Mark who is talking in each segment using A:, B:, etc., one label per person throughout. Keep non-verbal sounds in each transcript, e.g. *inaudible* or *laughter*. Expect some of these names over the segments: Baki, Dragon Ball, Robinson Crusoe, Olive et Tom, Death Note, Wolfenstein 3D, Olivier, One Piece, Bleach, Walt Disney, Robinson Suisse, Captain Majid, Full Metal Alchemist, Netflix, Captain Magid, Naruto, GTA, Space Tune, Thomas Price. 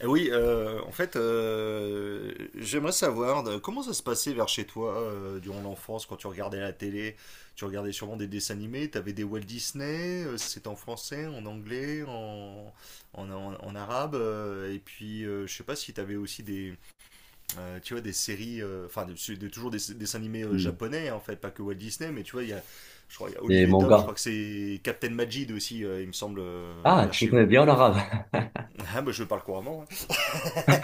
A: Eh oui, en fait, j'aimerais savoir comment ça se passait vers chez toi, durant l'enfance, quand tu regardais la télé, tu regardais sûrement des dessins animés, t'avais des Walt Disney, c'était en français, en anglais, en arabe, et puis je sais pas si t'avais aussi des, tu vois, des séries, enfin toujours des dessins animés,
B: Mm.
A: japonais, hein, en fait, pas que Walt Disney, mais tu vois, il y a, je crois, il y a Olive
B: Des
A: et Tom, je
B: mangas.
A: crois que c'est Captain Majid aussi, il me semble,
B: Ah,
A: vers
B: tu
A: chez
B: connais
A: vous.
B: bien l'arabe. *laughs*
A: *laughs* Ah bah je parle couramment, hein.
B: Ah,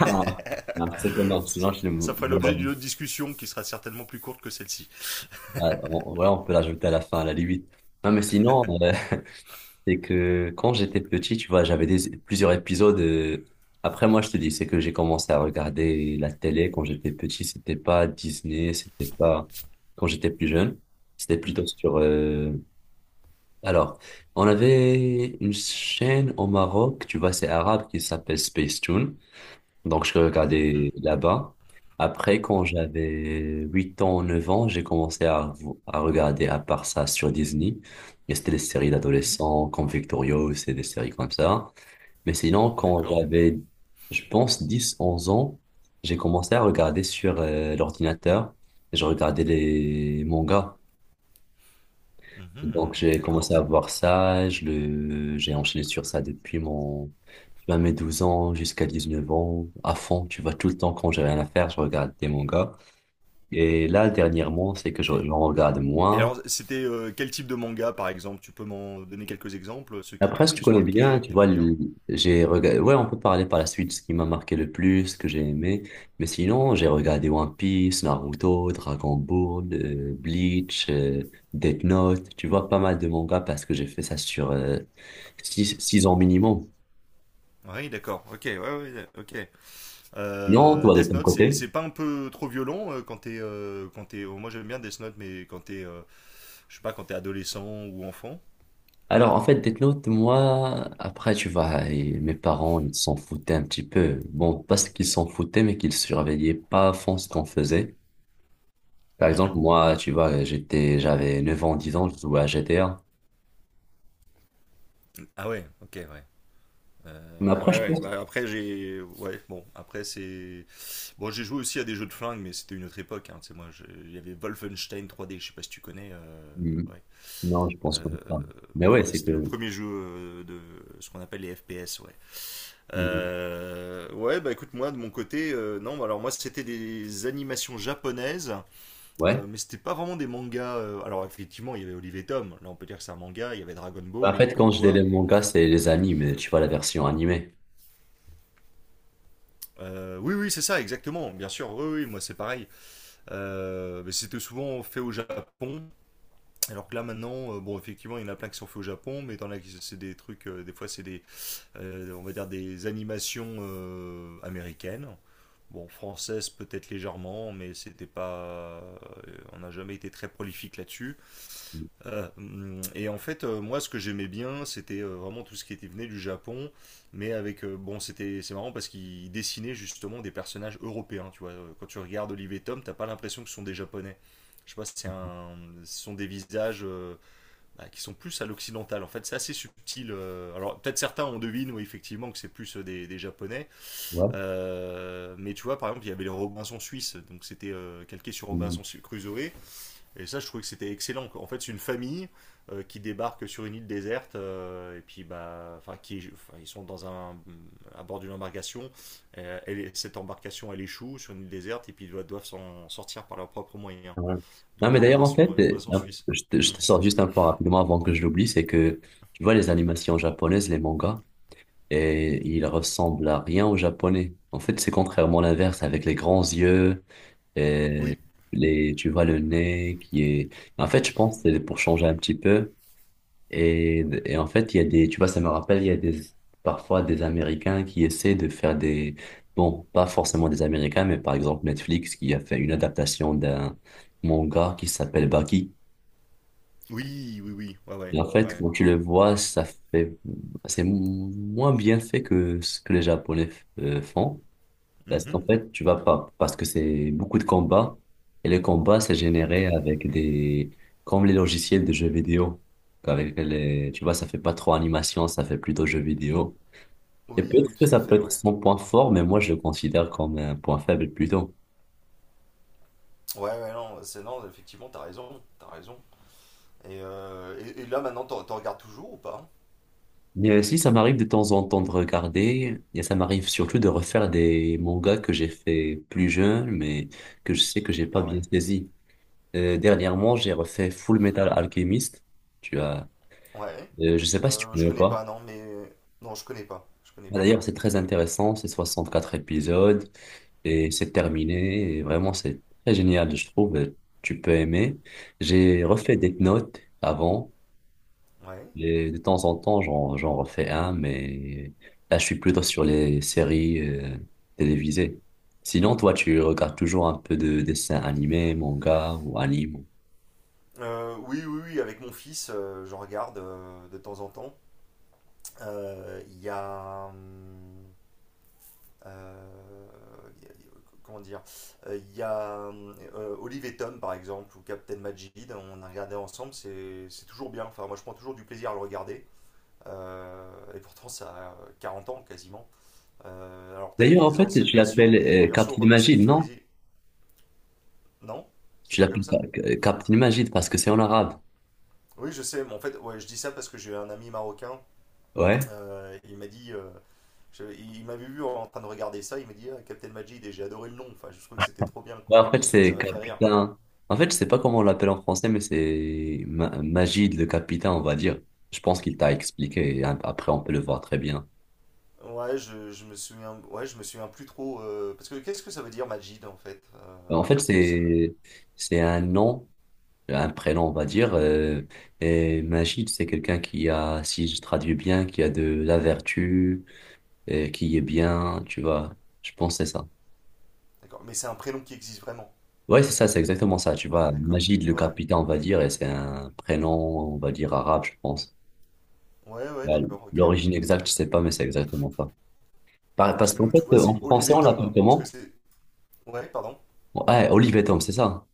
B: ah, c'est énorme. Sinon, je
A: Ça ferait
B: le
A: l'objet d'une
B: dis.
A: autre discussion qui sera certainement plus courte que celle-ci.
B: Voilà, on ouais, on peut l'ajouter à la fin, à la limite. Non, mais sinon, *laughs* c'est que quand j'étais petit, tu vois, j'avais des, plusieurs épisodes. Après, moi, je te dis, c'est que j'ai commencé à regarder la télé quand j'étais petit. C'était pas Disney, c'était pas quand j'étais plus jeune. C'était
A: Mhm,
B: plutôt sur. Alors, on avait une chaîne au Maroc, tu vois, c'est arabe qui s'appelle Space Tune. Donc, je regardais
A: mhm,
B: là-bas. Après, quand j'avais 8 ans, 9 ans, j'ai commencé à regarder à part ça sur Disney. Et c'était des séries d'adolescents comme Victorious et des séries comme ça. Mais sinon, quand
A: d'accord.
B: j'avais, je pense, 10 11 ans, j'ai commencé à regarder sur l'ordinateur. Je regardais les mangas. Donc,
A: Mhm,
B: j'ai
A: d'accord.
B: commencé à voir ça. J'ai enchaîné sur ça depuis mon tu vas mes 12 ans jusqu'à 19 ans, à fond, tu vas tout le temps quand j'ai rien à faire, je regarde des mangas. Et là, dernièrement, c'est que
A: Et,
B: j'en regarde
A: et
B: moins.
A: alors, c'était quel type de manga, par exemple? Tu peux m'en donner quelques exemples, ceux qui t'ont
B: Après,
A: le
B: si tu
A: plus
B: connais
A: marqué,
B: bien,
A: que
B: tu vois,
A: t'aimais bien?
B: j'ai regardé, ouais, on peut parler par la suite, ce qui m'a marqué le plus, ce que j'ai aimé. Mais sinon, j'ai regardé One Piece, Naruto, Dragon Ball, Bleach, Death Note, tu vois, pas mal de mangas parce que j'ai fait ça sur 6 ans minimum.
A: Oui, d'accord. Ok, ouais, ouais, ok.
B: Non, toi, de
A: Death
B: ton
A: Note, c'est
B: côté?
A: c'est pas un peu trop violent, quand t'es, quand t'es. Oh, moi, j'aime bien Death Note, mais quand t'es, je sais pas, quand t'es adolescent ou enfant?
B: Alors, en fait, Death Note, moi, après, tu vois, et mes parents, ils s'en foutaient un petit peu. Bon, pas ce qu'ils s'en foutaient, mais qu'ils surveillaient pas à fond ce qu'on faisait. Par exemple,
A: Mhm.
B: moi, tu vois, j'avais 9 ans, 10 ans, je jouais à GTA.
A: Ah ouais, ok, ouais.
B: Mais
A: Ouais,
B: après, je
A: ouais,
B: pense...
A: bah après j'ai, ouais, bon, après c'est, bon, j'ai joué aussi à des jeux de flingue, mais c'était une autre époque, hein. Tu sais, moi, il y avait Wolfenstein 3D, je sais pas si tu connais,
B: Hmm.
A: ouais.
B: Non, je pense pas.
A: Euh,
B: Mais
A: bon,
B: ouais,
A: voilà,
B: c'est
A: c'était le
B: que...
A: premier jeu, de ce qu'on appelle les FPS, ouais.
B: Hmm.
A: Ouais, bah écoute, moi, de mon côté, non, alors moi, c'était des animations japonaises,
B: Ouais.
A: mais c'était pas vraiment des mangas. Alors, effectivement, il y avait Olive et Tom, là, on peut dire que c'est un manga, il y avait Dragon
B: En
A: Ball,
B: fait,
A: comme
B: quand je dis les
A: toi.
B: mangas, c'est les animes, tu vois, la version animée.
A: Oui, oui, c'est ça, exactement, bien sûr, oui, oui, moi, c'est pareil. Mais c'était souvent fait au Japon. Alors que là maintenant, bon, effectivement, il y en a plein qui sont faits au Japon, mais dans la c'est des trucs, des fois c'est des, on va dire des animations, américaines, bon, françaises peut-être légèrement, mais c'était pas, on n'a jamais été très prolifique là-dessus. Et en fait, moi ce que j'aimais bien c'était, vraiment tout ce qui était venu du Japon, mais avec, bon, c'est marrant parce qu'ils dessinaient justement des personnages européens, tu vois. Quand tu regardes Olive et Tom, t'as pas l'impression que ce sont des Japonais. Je sais pas, c'est un, ce sont des visages, bah, qui sont plus à l'occidental. En fait, c'est assez subtil. Alors, peut-être certains on devine, oui, effectivement, que c'est plus, des Japonais.
B: Ouais.
A: Mais tu vois, par exemple, il y avait les Robinson Suisse, donc c'était, calqué sur Robinson Crusoe. Et ça, je trouvais que c'était excellent, quoi. En fait, c'est une famille, qui débarque sur une île déserte, et puis, bah, enfin, qui, enfin, ils sont dans un, à bord d'une embarcation. Elle cette embarcation, elle échoue sur une île déserte, et puis ils doivent s'en sortir par leurs propres moyens.
B: Ouais.
A: D'où
B: Non, mais d'ailleurs, en fait,
A: Les Robinson Suisse.
B: je
A: Mm.
B: te sors juste un point rapidement avant que je l'oublie, c'est que tu vois les animations japonaises, les mangas, et ils ressemblent à rien aux japonais. En fait, c'est contrairement l'inverse, avec les grands yeux, et
A: Oui,
B: les, tu vois le nez qui est... En fait, je pense que c'est pour changer un petit peu. Et en fait, il y a des, tu vois, ça me rappelle, il y a des, parfois des Américains qui essaient de faire des, bon, pas forcément des Américains, mais par exemple Netflix qui a fait une adaptation d'un manga qui s'appelle Baki.
A: oui, oui, oui, ouais, ouais,
B: Et en fait,
A: ouais.
B: quand tu le vois, ça fait, c'est moins bien fait que ce que les Japonais font. Parce
A: Mhm.
B: qu'en fait, tu vas pas, parce que c'est beaucoup de combats, et les combats, c'est généré avec des, comme les logiciels de jeux vidéo. Avec les, tu vois, ça fait pas trop animation, ça fait plutôt jeux vidéo. Et
A: Oui, oui,
B: peut-être que
A: tout à
B: ça peut
A: fait,
B: être
A: ouais.
B: son point fort, mais moi, je le considère comme un point faible plutôt.
A: Ouais, ouais, non, bah, c'est non, effectivement, t'as raison, t'as raison. Et là, maintenant, t'en regardes toujours ou pas?
B: Mais aussi, ça m'arrive de temps en temps de regarder, et ça m'arrive surtout de refaire des mangas que j'ai fait plus jeune, mais que je sais que j'ai pas
A: Ah
B: bien
A: ouais?
B: saisi. Dernièrement, j'ai refait Full Metal Alchemist. Tu as,
A: Ouais.
B: Je sais pas si tu
A: Je
B: connais ou
A: connais pas,
B: pas.
A: non, mais. Non, je connais pas, je connais
B: Bah,
A: pas.
B: d'ailleurs, c'est très intéressant, c'est 64 épisodes et c'est terminé. Et vraiment, c'est très génial, je trouve. Et tu peux aimer. J'ai
A: Mhm.
B: refait des notes avant
A: Ouais.
B: et de temps en temps, j'en refais un, mais là, je suis plutôt sur les séries télévisées. Sinon, toi, tu regardes toujours un peu de dessins animés, manga ou anime.
A: Oui, oui, oui, avec mon fils, j'en regarde, de temps en temps. Il y a, Euh, comment dire, il y a, Olive et Tom, par exemple, ou Captain Majid, on a regardé ensemble, c'est toujours bien. Enfin, moi, je prends toujours du plaisir à le regarder. Et pourtant, ça a 40 ans quasiment. Alors, tu as
B: D'ailleurs, en
A: les
B: fait,
A: anciennes
B: tu l'appelles
A: versions et les versions
B: Captain Magid, non?
A: remasterisées. Non. C'est
B: Tu
A: pas
B: l'appelles
A: comme ça.
B: Captain Magid parce que c'est en arabe.
A: Oui, je sais, mais en fait, ouais, je dis ça parce que j'ai un ami marocain.
B: Ouais.
A: Il m'a dit, il m'avait vu en train de regarder ça, il m'a dit: ah, Captain Majid! Et j'ai adoré le nom. Enfin, je trouve que c'était trop bien,
B: Bah,
A: quoi.
B: en fait,
A: Ça
B: c'est
A: m'a fait rire.
B: capitaine. En fait, je sais pas comment on l'appelle en français, mais c'est Magid, le capitaine, on va dire. Je pense qu'il t'a expliqué et après, on peut le voir très bien.
A: Ouais, je me souviens, ouais, je me souviens plus trop. Parce que qu'est-ce que ça veut dire Majid en fait?
B: Bah, en fait,
A: C'est-
B: c'est un nom, un prénom, on va dire. Et Magid, c'est quelqu'un qui a, si je traduis bien, qui a de la vertu, et qui est bien, tu vois. Je pense que c'est ça.
A: d'accord. Mais c'est un prénom qui existe vraiment.
B: Ouais, c'est ça, c'est exactement ça, tu
A: Ah
B: vois.
A: ouais, d'accord.
B: Magid, le
A: Ouais,
B: capitaine, on va dire, et c'est un prénom, on va dire, arabe, je pense.
A: ouais, ouais,
B: Bah,
A: d'accord, ok, ouais.
B: l'origine exacte, je sais pas, mais c'est exactement ça.
A: Parce
B: Parce
A: que
B: qu'en
A: nous, tu
B: fait,
A: vois,
B: en
A: c'est Olive
B: français,
A: et
B: on
A: Tom,
B: l'appelle
A: hein. Parce que
B: comment?
A: c'est. Ouais, pardon.
B: Ouais, Olive et Tom, c'est ça? Hein.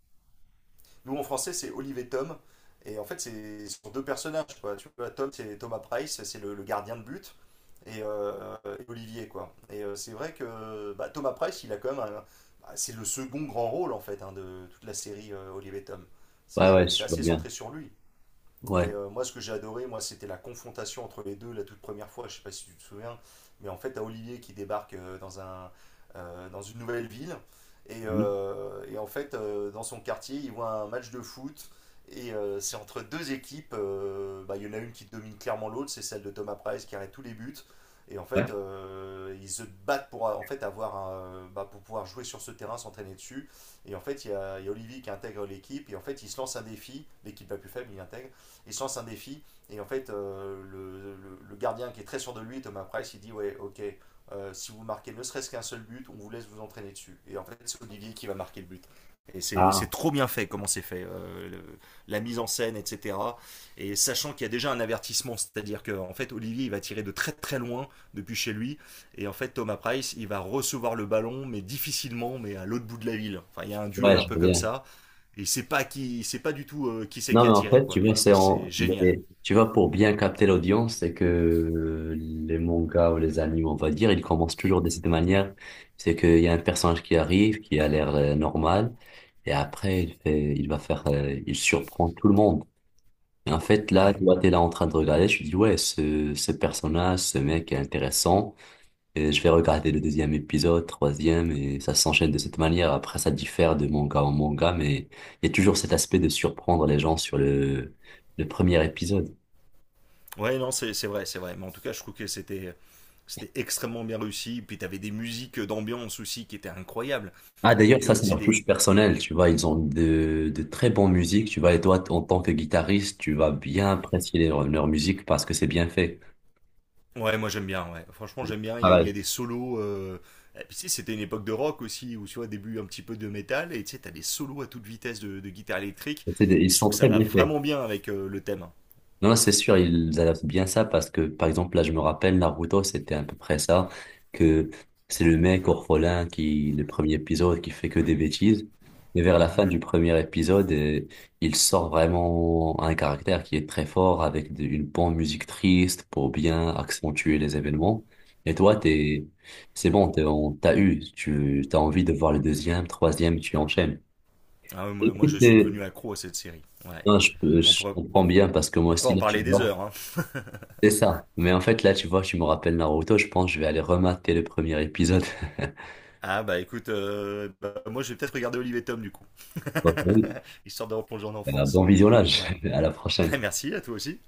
A: Nous, en français, c'est Olive et Tom. Et en fait, c'est sur deux personnages, quoi. Tu vois, Tom, c'est Thomas Price, c'est le gardien de but, et Olivier, quoi. Et c'est vrai que bah, Thomas Price, il a quand même bah, c'est le second grand rôle, en fait, hein, de toute la série, Olive et Tom.
B: Ouais, ouais,
A: C'est
B: je vois
A: assez
B: bien.
A: centré sur lui. Et
B: Ouais.
A: euh, moi, ce que j'ai adoré, moi, c'était la confrontation entre les deux la toute première fois. Je sais pas si tu te souviens, mais en fait, t'as Olivier qui débarque, dans un, dans une nouvelle ville. Et,
B: Mhm.
A: euh, et en fait, dans son quartier, il voit un match de foot. Et c'est entre deux équipes. Bah, il y en a une qui domine clairement l'autre, c'est celle de Thomas Price qui arrête tous les buts. Et en fait,
B: Ouais.
A: ils se battent pour, en fait, avoir bah, pour pouvoir jouer sur ce terrain, s'entraîner dessus. Et en fait, il y a Olivier qui intègre l'équipe. Et en fait, il se lance un défi. L'équipe la plus faible, il intègre et se lance un défi. Et en fait, le gardien qui est très sûr de lui, Thomas Price, il dit: ouais, ok, si vous marquez ne serait-ce qu'un seul but, on vous laisse vous entraîner dessus. Et en fait, c'est Olivier qui va marquer le but. Et c'est
B: Ah,
A: trop bien fait comment c'est fait, la mise en scène, etc. Et sachant qu'il y a déjà un avertissement, c'est-à-dire que en fait Olivier il va tirer de très très loin depuis chez lui, et en fait Thomas Price il va recevoir le ballon mais difficilement, mais à l'autre bout de la ville. Enfin il y a un duel
B: ouais,
A: un
B: je
A: peu
B: vois
A: comme
B: bien.
A: ça, il sait pas qui, il sait pas du tout, qui c'est
B: Non,
A: qui
B: mais
A: a
B: en
A: tiré
B: fait, tu
A: quoi.
B: vois,
A: Et
B: c'est
A: ça
B: en,
A: c'est génial.
B: tu vois, pour bien capter l'audience, c'est que les mangas ou les animes, on va dire, ils commencent toujours de cette manière. C'est qu'il y a un personnage qui arrive, qui a l'air normal, et après, il va faire, il surprend tout le monde. Et en fait, là,
A: Ouais.
B: toi, t'es là en train de regarder, je te dis, ouais, ce personnage, ce mec est intéressant, et je vais regarder le deuxième épisode, troisième, et ça s'enchaîne de cette manière. Après, ça diffère de manga en manga, mais il y a toujours cet aspect de surprendre les gens sur le premier épisode.
A: Ouais, non, c'est vrai, c'est vrai. Mais en tout cas je trouve que c'était extrêmement bien réussi. Puis t'avais des musiques d'ambiance aussi qui étaient incroyables.
B: Ah, d'ailleurs,
A: Avec,
B: ça, c'est
A: tu sais
B: leur
A: des,
B: touche personnelle, tu vois, ils ont de très bonnes musiques, tu vois, et toi, en tant que guitariste, tu vas bien apprécier leur musique parce que c'est bien fait.
A: ouais, moi j'aime bien, ouais. Franchement j'aime bien. Il y a
B: Pareil,
A: des solos, et puis tu sais c'était une époque de rock aussi où tu vois début un petit peu de métal et tu sais t'as des solos à toute vitesse de guitare électrique.
B: Ils
A: Et je trouve
B: sont
A: que ça
B: très
A: va
B: bien faits.
A: vraiment bien avec, le thème.
B: Non, c'est sûr, ils adaptent bien ça parce que, par exemple, là, je me rappelle, Naruto, c'était à peu près ça, que c'est le mec orphelin qui, le premier épisode, qui fait que des bêtises. Mais vers la
A: Mhm.
B: fin du premier épisode, il sort vraiment un caractère qui est très fort avec une bonne musique triste pour bien accentuer les événements. Et toi, t'es, c'est bon, t'es, on t'a eu, tu, t'as envie de voir le deuxième, troisième, tu enchaînes.
A: Ah ouais, moi, moi, je
B: Écoute,
A: suis devenu accro à cette série. Ouais.
B: non,
A: On
B: je
A: pourrait,
B: comprends bien parce que moi
A: on pourrait
B: aussi,
A: en
B: là, tu
A: parler des
B: vois.
A: heures, hein.
B: C'est ça. Mais en fait, là, tu vois, tu me rappelles Naruto, je pense que je vais aller remater le premier épisode. *laughs*
A: Ah bah écoute, bah, moi je vais peut-être regarder Olivier Tom du coup.
B: Bon, oui.
A: *laughs* Histoire de replonger en
B: Un
A: enfance.
B: bon visionnage.
A: Voilà.
B: *laughs* À la
A: *laughs*
B: prochaine.
A: Merci à toi aussi.